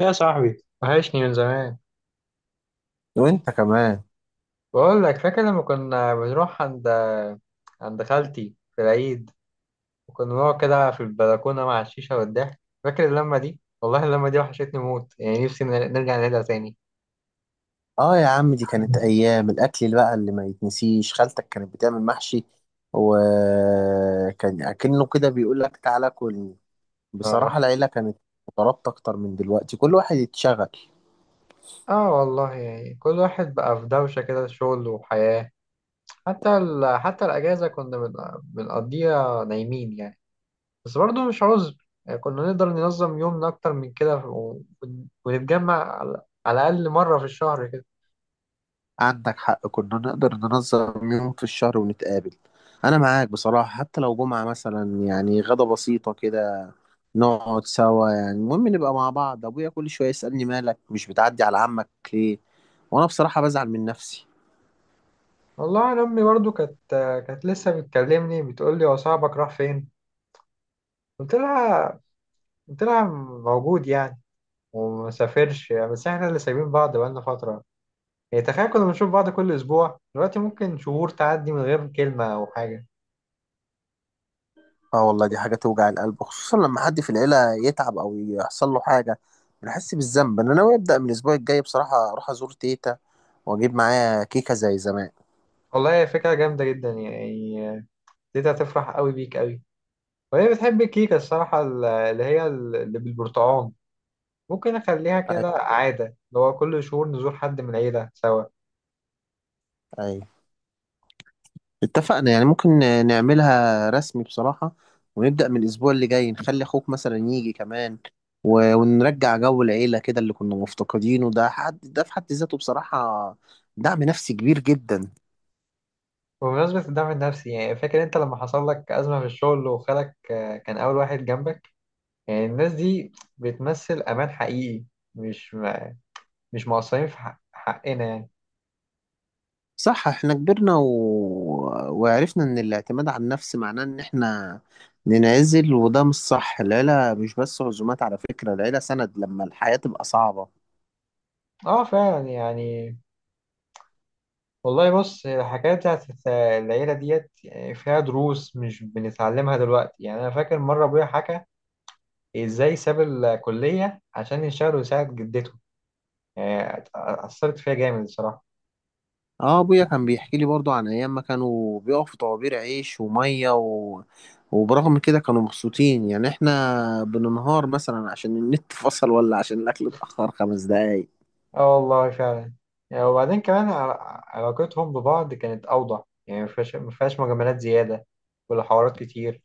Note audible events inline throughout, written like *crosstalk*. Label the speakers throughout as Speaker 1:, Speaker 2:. Speaker 1: يا صاحبي وحشني من زمان.
Speaker 2: وانت كمان.
Speaker 1: بقول لك فاكر لما كنا بنروح عند خالتي في العيد، وكنا بنقعد كده في البلكونة مع الشيشة والضحك. فاكر اللمة دي؟ والله اللمة دي وحشتني موت، يعني نفسي نرجع نعيدها تاني.
Speaker 2: اه يا عم، دي كانت ايام الاكل اللي بقى اللي ما يتنسيش. خالتك كانت بتعمل محشي وكان اكنه كده بيقول لك تعالى كل.
Speaker 1: اه.
Speaker 2: بصراحة العيلة كانت مترابطة اكتر من دلوقتي، كل واحد يتشغل.
Speaker 1: اه والله، يعني كل واحد بقى في دوشة كده، شغل وحياة. حتى الأجازة كنا بنقضيها نايمين يعني. بس برضه مش عذر، يعني كنا نقدر ننظم يومنا أكتر من كده ونتجمع على الأقل مرة في الشهر كده.
Speaker 2: عندك حق، كنا نقدر ننظم يوم في الشهر ونتقابل. انا معاك بصراحة، حتى لو جمعة مثلا غدا بسيطة كده نقعد سوا، المهم نبقى مع بعض. ابويا كل شوية يسألني مالك مش بتعدي على عمك ليه، وانا بصراحة بزعل من نفسي.
Speaker 1: والله انا امي برضو كانت، كانت لسه بتكلمني بتقول لي هو صاحبك راح فين؟ قلت لها قلت لها موجود يعني، ومسافرش، بس احنا اللي سايبين بعض بقالنا فتره. يعني تخيل، كنا بنشوف بعض كل اسبوع، دلوقتي ممكن شهور تعدي من غير كلمه او حاجه.
Speaker 2: اه والله دي حاجة توجع القلب، خصوصا لما حد في العيلة يتعب أو يحصل له حاجة بنحس بالذنب. أنا ناوي أبدأ من الأسبوع الجاي بصراحة، أروح أزور تيتا وأجيب معايا كيكة زي زمان.
Speaker 1: والله هي فكره جامده جدا يعني، دي هتفرح قوي بيك قوي، وهي بتحب الكيكه الصراحه، اللي هي اللي بالبرتقال. ممكن اخليها
Speaker 2: أي،
Speaker 1: كده عاده، اللي هو كل شهور نزور حد من العيله سوا.
Speaker 2: أي، اتفقنا. يعني ممكن نعملها رسمي بصراحة، ونبدأ من الأسبوع اللي جاي، نخلي أخوك مثلا يجي كمان ونرجع جو العيلة كده اللي كنا مفتقدينه. ده حد ده في حد ذاته بصراحة دعم نفسي كبير جدا.
Speaker 1: بمناسبة الدعم النفسي، يعني فاكر انت لما حصل لك أزمة في الشغل وخالك آه، كان أول واحد جنبك؟ يعني الناس دي بتمثل أمان حقيقي، مش م- مش مقصرين في حق حقنا يعني.
Speaker 2: صح، احنا كبرنا وعرفنا ان الاعتماد على النفس معناه ان احنا ننعزل، وده مش صح. العيلة مش بس عزومات، على فكرة العيلة سند لما الحياة تبقى صعبة.
Speaker 1: اه فعلا يعني. والله بص، الحكاية بتاعت العيلة ديت يعني فيها دروس مش بنتعلمها دلوقتي. يعني أنا فاكر مرة أبويا حكى إزاي ساب الكلية عشان يشتغل ويساعد جدته، يعني أثرت فيها جامد الصراحة.
Speaker 2: اه، ابويا كان بيحكي لي برضو عن ايام ما كانوا بيقفوا في طوابير عيش ومية وبرغم كده كانوا مبسوطين. يعني احنا بننهار مثلا عشان النت فصل ولا عشان الاكل اتأخر خمس دقايق.
Speaker 1: اه والله فعلا. يعني وبعدين كمان علاقتهم ببعض كانت أوضح، يعني مفيهاش مجاملات زيادة ولا حوارات كتير.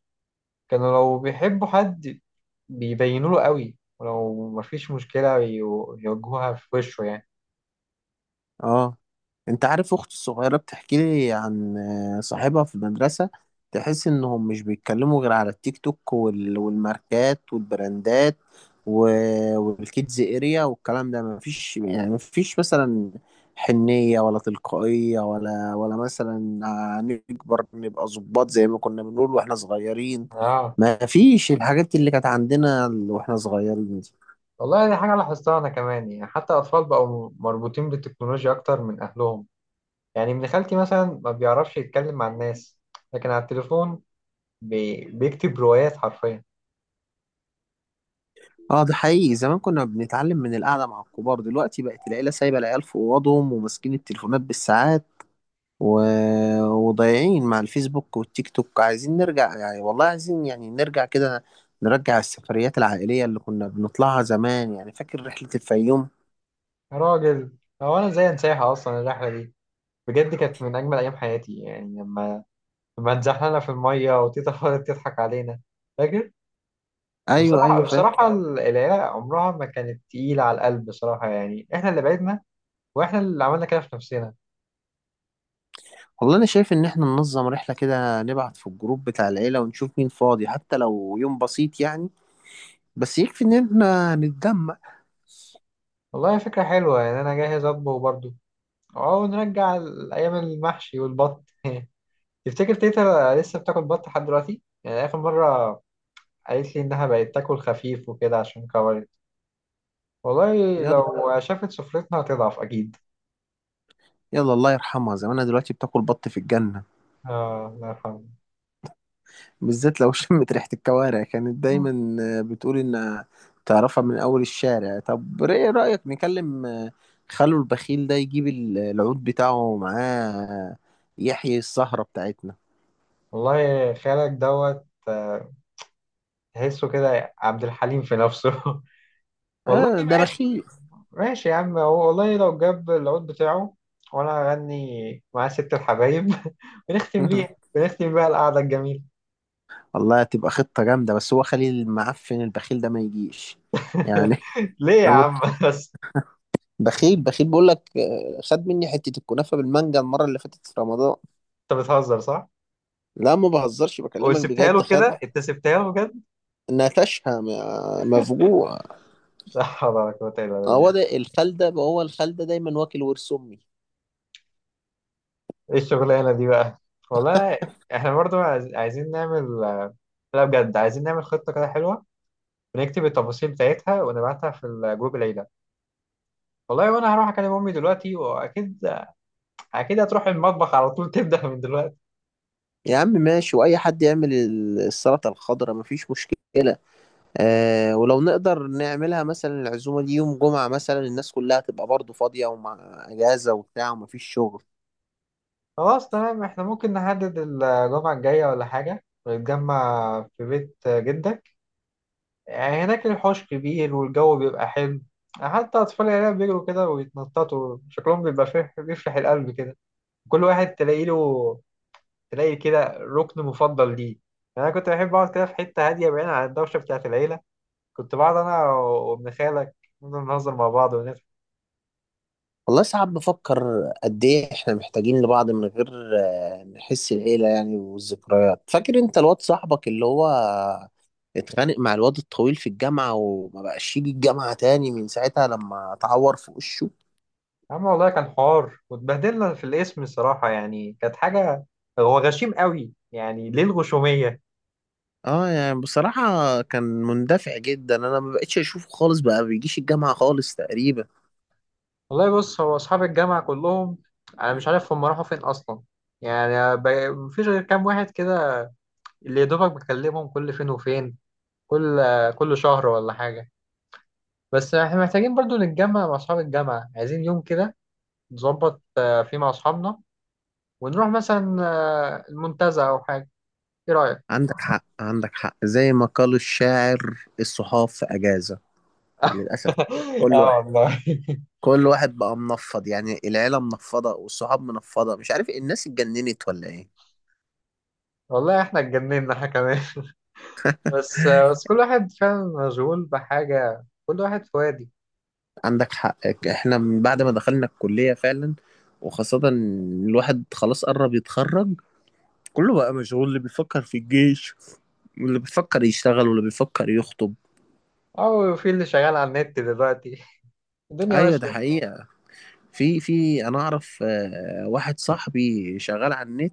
Speaker 1: كانوا لو بيحبوا حد بيبينوا له قوي، ولو مفيش مشكلة يواجهوها في وشه يعني.
Speaker 2: اه، انت عارف اختي الصغيرة بتحكي لي عن صاحبها في المدرسة، تحس انهم مش بيتكلموا غير على التيك توك والماركات والبراندات والكيدز اريا والكلام ده. مفيش يعني، مفيش مثلا حنية ولا تلقائية، ولا مثلا نكبر نبقى ظباط زي ما كنا بنقول واحنا صغيرين.
Speaker 1: اه
Speaker 2: مفيش الحاجات اللي كانت عندنا واحنا صغيرين دي.
Speaker 1: والله دي حاجة لاحظتها أنا كمان، يعني حتى الأطفال بقوا مربوطين بالتكنولوجيا أكتر من أهلهم. يعني ابن خالتي مثلا ما بيعرفش يتكلم مع الناس، لكن على التليفون بيكتب روايات حرفيا.
Speaker 2: اه ده حقيقي، زمان كنا بنتعلم من القعدة مع الكبار، دلوقتي بقت العيلة سايبة العيال في أوضهم وماسكين التليفونات بالساعات و... وضايعين مع الفيسبوك والتيك توك. عايزين نرجع، يعني والله عايزين، يعني نرجع كده، نرجع السفريات العائلية اللي كنا بنطلعها زمان. يعني فاكر رحلة الفيوم؟
Speaker 1: يا راجل، هو أنا إزاي أنساها أصلا الرحلة دي؟ بجد كانت من أجمل أيام حياتي، يعني لما اتزحلقنا في المية وتيتا فضلت تضحك علينا. فاكر؟
Speaker 2: أيوه أيوه فاكر.
Speaker 1: بصراحة العيلة عمرها ما كانت تقيلة على القلب بصراحة، يعني إحنا اللي بعدنا، وإحنا اللي عملنا كده في نفسنا.
Speaker 2: والله أنا شايف إن إحنا ننظم رحلة كده، نبعت في الجروب بتاع العيلة ونشوف مين فاضي، حتى لو يوم بسيط يعني، بس يكفي إن إحنا نتجمع.
Speaker 1: والله فكرة حلوة، يعني أنا جاهز أطبخ برضه، أو نرجع أيام المحشي والبط. *laughs* تفتكر تيتا لسه بتاكل بط لحد دلوقتي؟ يعني آخر مرة قالت لي إنها بقت تاكل خفيف وكده عشان كبرت. والله
Speaker 2: يلا،
Speaker 1: لو شافت سفرتنا هتضعف أكيد.
Speaker 2: يلا الله يرحمها، زمانها دلوقتي بتاكل بط في الجنة.
Speaker 1: آه الله يرحمه.
Speaker 2: بالذات لو *laughs* شمت ريحة الكوارع، كانت دايما آه، بتقول إن تعرفها من أول الشارع. طب إيه رأيك نكلم آه، خلو البخيل ده يجيب العود بتاعه معاه يحيي السهرة بتاعتنا.
Speaker 1: والله خالك دوت آه، تحسه كده عبد الحليم في نفسه. *laughs* والله
Speaker 2: آه ده بخيل.
Speaker 1: ماشي. ماشي يا عم، هو والله لو جاب العود بتاعه وانا هغني مع ست الحبايب *laughs*
Speaker 2: *laughs*
Speaker 1: بنختم بيها القعدة الجميلة.
Speaker 2: والله هتبقى خطة جامدة، بس هو خلي المعفن البخيل ده ما يجيش يعني. *laughs*
Speaker 1: *laughs* ليه يا
Speaker 2: أنا م-
Speaker 1: عم؟ *laughs* بس.
Speaker 2: بخيل بخيل بقول لك آه، خد مني حتة الكنافة بالمانجا المرة اللي فاتت في رمضان.
Speaker 1: انت بتهزر صح؟
Speaker 2: لا ما بهزرش، بكلمك
Speaker 1: وسبتها
Speaker 2: بجد،
Speaker 1: له
Speaker 2: خد.
Speaker 1: كده؟ انت سبتها له بجد؟
Speaker 2: نتشها مفجوع.
Speaker 1: لا حول ولا قوة الا
Speaker 2: هو
Speaker 1: بالله.
Speaker 2: ده الخلدة، ما هو الخلدة دايما واكل ورث أمي.
Speaker 1: ايه الشغلانة دي بقى؟ والله احنا برضو عايزين نعمل، لا بجد عايزين نعمل خطة كده حلوة، بنكتب التفاصيل بتاعتها ونبعتها في الجروب العيلة. والله وانا هروح اكلم امي دلوقتي، اكيد هتروح المطبخ على طول، *laughs* تبدأ من دلوقتي.
Speaker 2: يا عم ماشي، وأي حد يعمل السلطة الخضراء مفيش مشكلة. آه ولو نقدر نعملها مثلا العزومة دي يوم جمعة مثلا، الناس كلها تبقى برضه فاضية ومع أجازة وبتاع ومفيش شغل.
Speaker 1: خلاص تمام، احنا ممكن نحدد الجمعة الجاية ولا حاجة ونتجمع في بيت جدك. يعني هناك الحوش كبير والجو بيبقى حلو، حتى أطفال العيلة بيجروا كده ويتنططوا شكلهم بيبقى فيه بيفرح القلب كده. كل واحد تلاقي له تلاقي كده ركن مفضل ليه. يعني أنا كنت بحب أقعد كده في حتة هادية بعيد عن الدوشة بتاعة العيلة، كنت بقعد انا وابن خالك نفضل نهزر مع بعض ونضحك.
Speaker 2: والله ساعات بفكر قد إيه إحنا محتاجين لبعض، من غير آه نحس العيلة يعني والذكريات. فاكر أنت الواد صاحبك اللي هو اتخانق مع الواد الطويل في الجامعة، وما بقاش يجي الجامعة تاني من ساعتها لما اتعور في وشه؟
Speaker 1: يا عم والله كان حوار، واتبهدلنا في الاسم الصراحه، يعني كانت حاجه. هو غشيم قوي، يعني ليه الغشوميه؟
Speaker 2: اه يعني بصراحة كان مندفع جدا، انا ما بقتش اشوفه خالص، بقى بيجيش الجامعة خالص تقريبا.
Speaker 1: والله بص، هو اصحاب الجامعه كلهم انا مش عارف هم راحوا فين اصلا. يعني مفيش غير كام واحد كده اللي يا دوبك بكلمهم كل فين وفين، كل كل شهر ولا حاجه. بس احنا محتاجين برضو نتجمع مع اصحاب الجامعه، عايزين يوم كده نظبط آه، فيه مع اصحابنا، ونروح مثلا آه، المنتزه او حاجه. ايه رايك؟
Speaker 2: عندك حق، عندك حق، زي ما قال الشاعر الصحاف في اجازة للاسف.
Speaker 1: *laughs*
Speaker 2: كل
Speaker 1: اه
Speaker 2: واحد،
Speaker 1: والله.
Speaker 2: كل واحد بقى منفض، يعني العيلة منفضة والصحاب منفضة، مش عارف الناس اتجننت ولا ايه.
Speaker 1: والله احنا اتجننا احنا كمان، بس كل واحد فعلا مشغول بحاجة، كل واحد في وادي.
Speaker 2: عندك حق، احنا من بعد ما دخلنا الكلية فعلا، وخاصة إن الواحد خلاص قرب يتخرج، كله بقى مشغول. اللي بيفكر في الجيش، واللي بيفكر يشتغل، واللي بيفكر يخطب.
Speaker 1: او في اللي شغال على النت دلوقتي، الدنيا
Speaker 2: ايوه ده
Speaker 1: ماشية.
Speaker 2: حقيقة. في انا اعرف آه، واحد صاحبي شغال على النت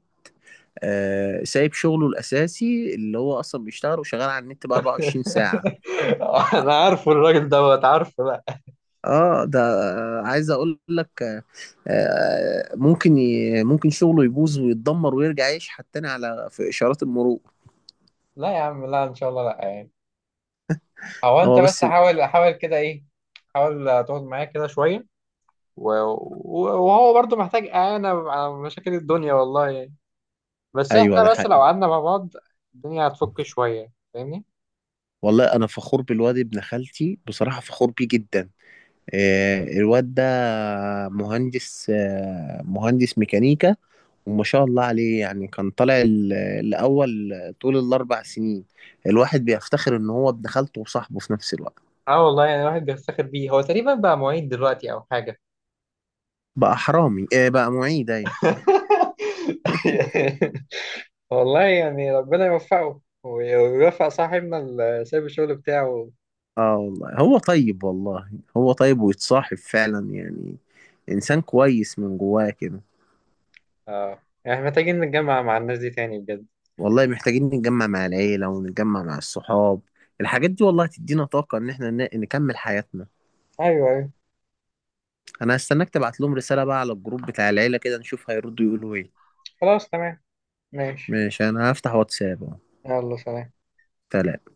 Speaker 2: آه، سايب شغله الاساسي اللي هو اصلا بيشتغل، وشغال على النت ب 24 ساعة.
Speaker 1: *laughs* انا عارفه الراجل دوت عارفه. لا.
Speaker 2: اه ده آه، عايز اقول لك آه، آه، ممكن شغله يبوظ ويتدمر ويرجع يشحت تاني على في اشارات المرور.
Speaker 1: لا يا عم، لا ان شاء الله لا يعني. هو انت
Speaker 2: هو
Speaker 1: بس
Speaker 2: بس.
Speaker 1: حاول كده ايه، حاول تقعد معايا كده شوية، وهو برضو محتاج اعانة على مشاكل الدنيا والله يعني، بس
Speaker 2: ايوه ده
Speaker 1: احنا بس
Speaker 2: حقيقي.
Speaker 1: لو قعدنا مع بعض الدنيا هتفك شوية. فاهمني؟
Speaker 2: والله انا فخور بالواد ابن خالتي، بصراحه فخور بيه جدا. آه، الواد ده مهندس آه، مهندس ميكانيكا، وما شاء الله عليه. يعني كان طالع الأول طول الأربع سنين. الواحد بيفتخر إن هو ابن خالته وصاحبه في نفس الوقت.
Speaker 1: اه والله، يعني الواحد بيفتخر بيه. هو تقريبا بقى معيد دلوقتي او حاجه؟
Speaker 2: بقى حرامي إيه، بقى معيد، أيوة.
Speaker 1: *laughs*
Speaker 2: *laughs*
Speaker 1: والله يعني ربنا يوفقه ويوفق صاحبنا اللي سايب الشغل بتاعه.
Speaker 2: آه والله هو طيب، والله هو طيب ويتصاحب فعلا، يعني إنسان كويس من جواه كده.
Speaker 1: اه يعني محتاجين نتجمع مع الناس دي تاني بجد.
Speaker 2: والله محتاجين نتجمع مع العيلة ونتجمع مع الصحاب، الحاجات دي والله هتدينا طاقة إن إحنا نكمل حياتنا.
Speaker 1: ايوه ايوه.
Speaker 2: أنا هستناك تبعت لهم رسالة بقى على الجروب بتاع العيلة كده نشوف هيردوا يقولوا إيه.
Speaker 1: خلاص تمام. ماشي.
Speaker 2: ماشي، أنا هفتح واتساب أهو.
Speaker 1: يلا سلام.
Speaker 2: سلام.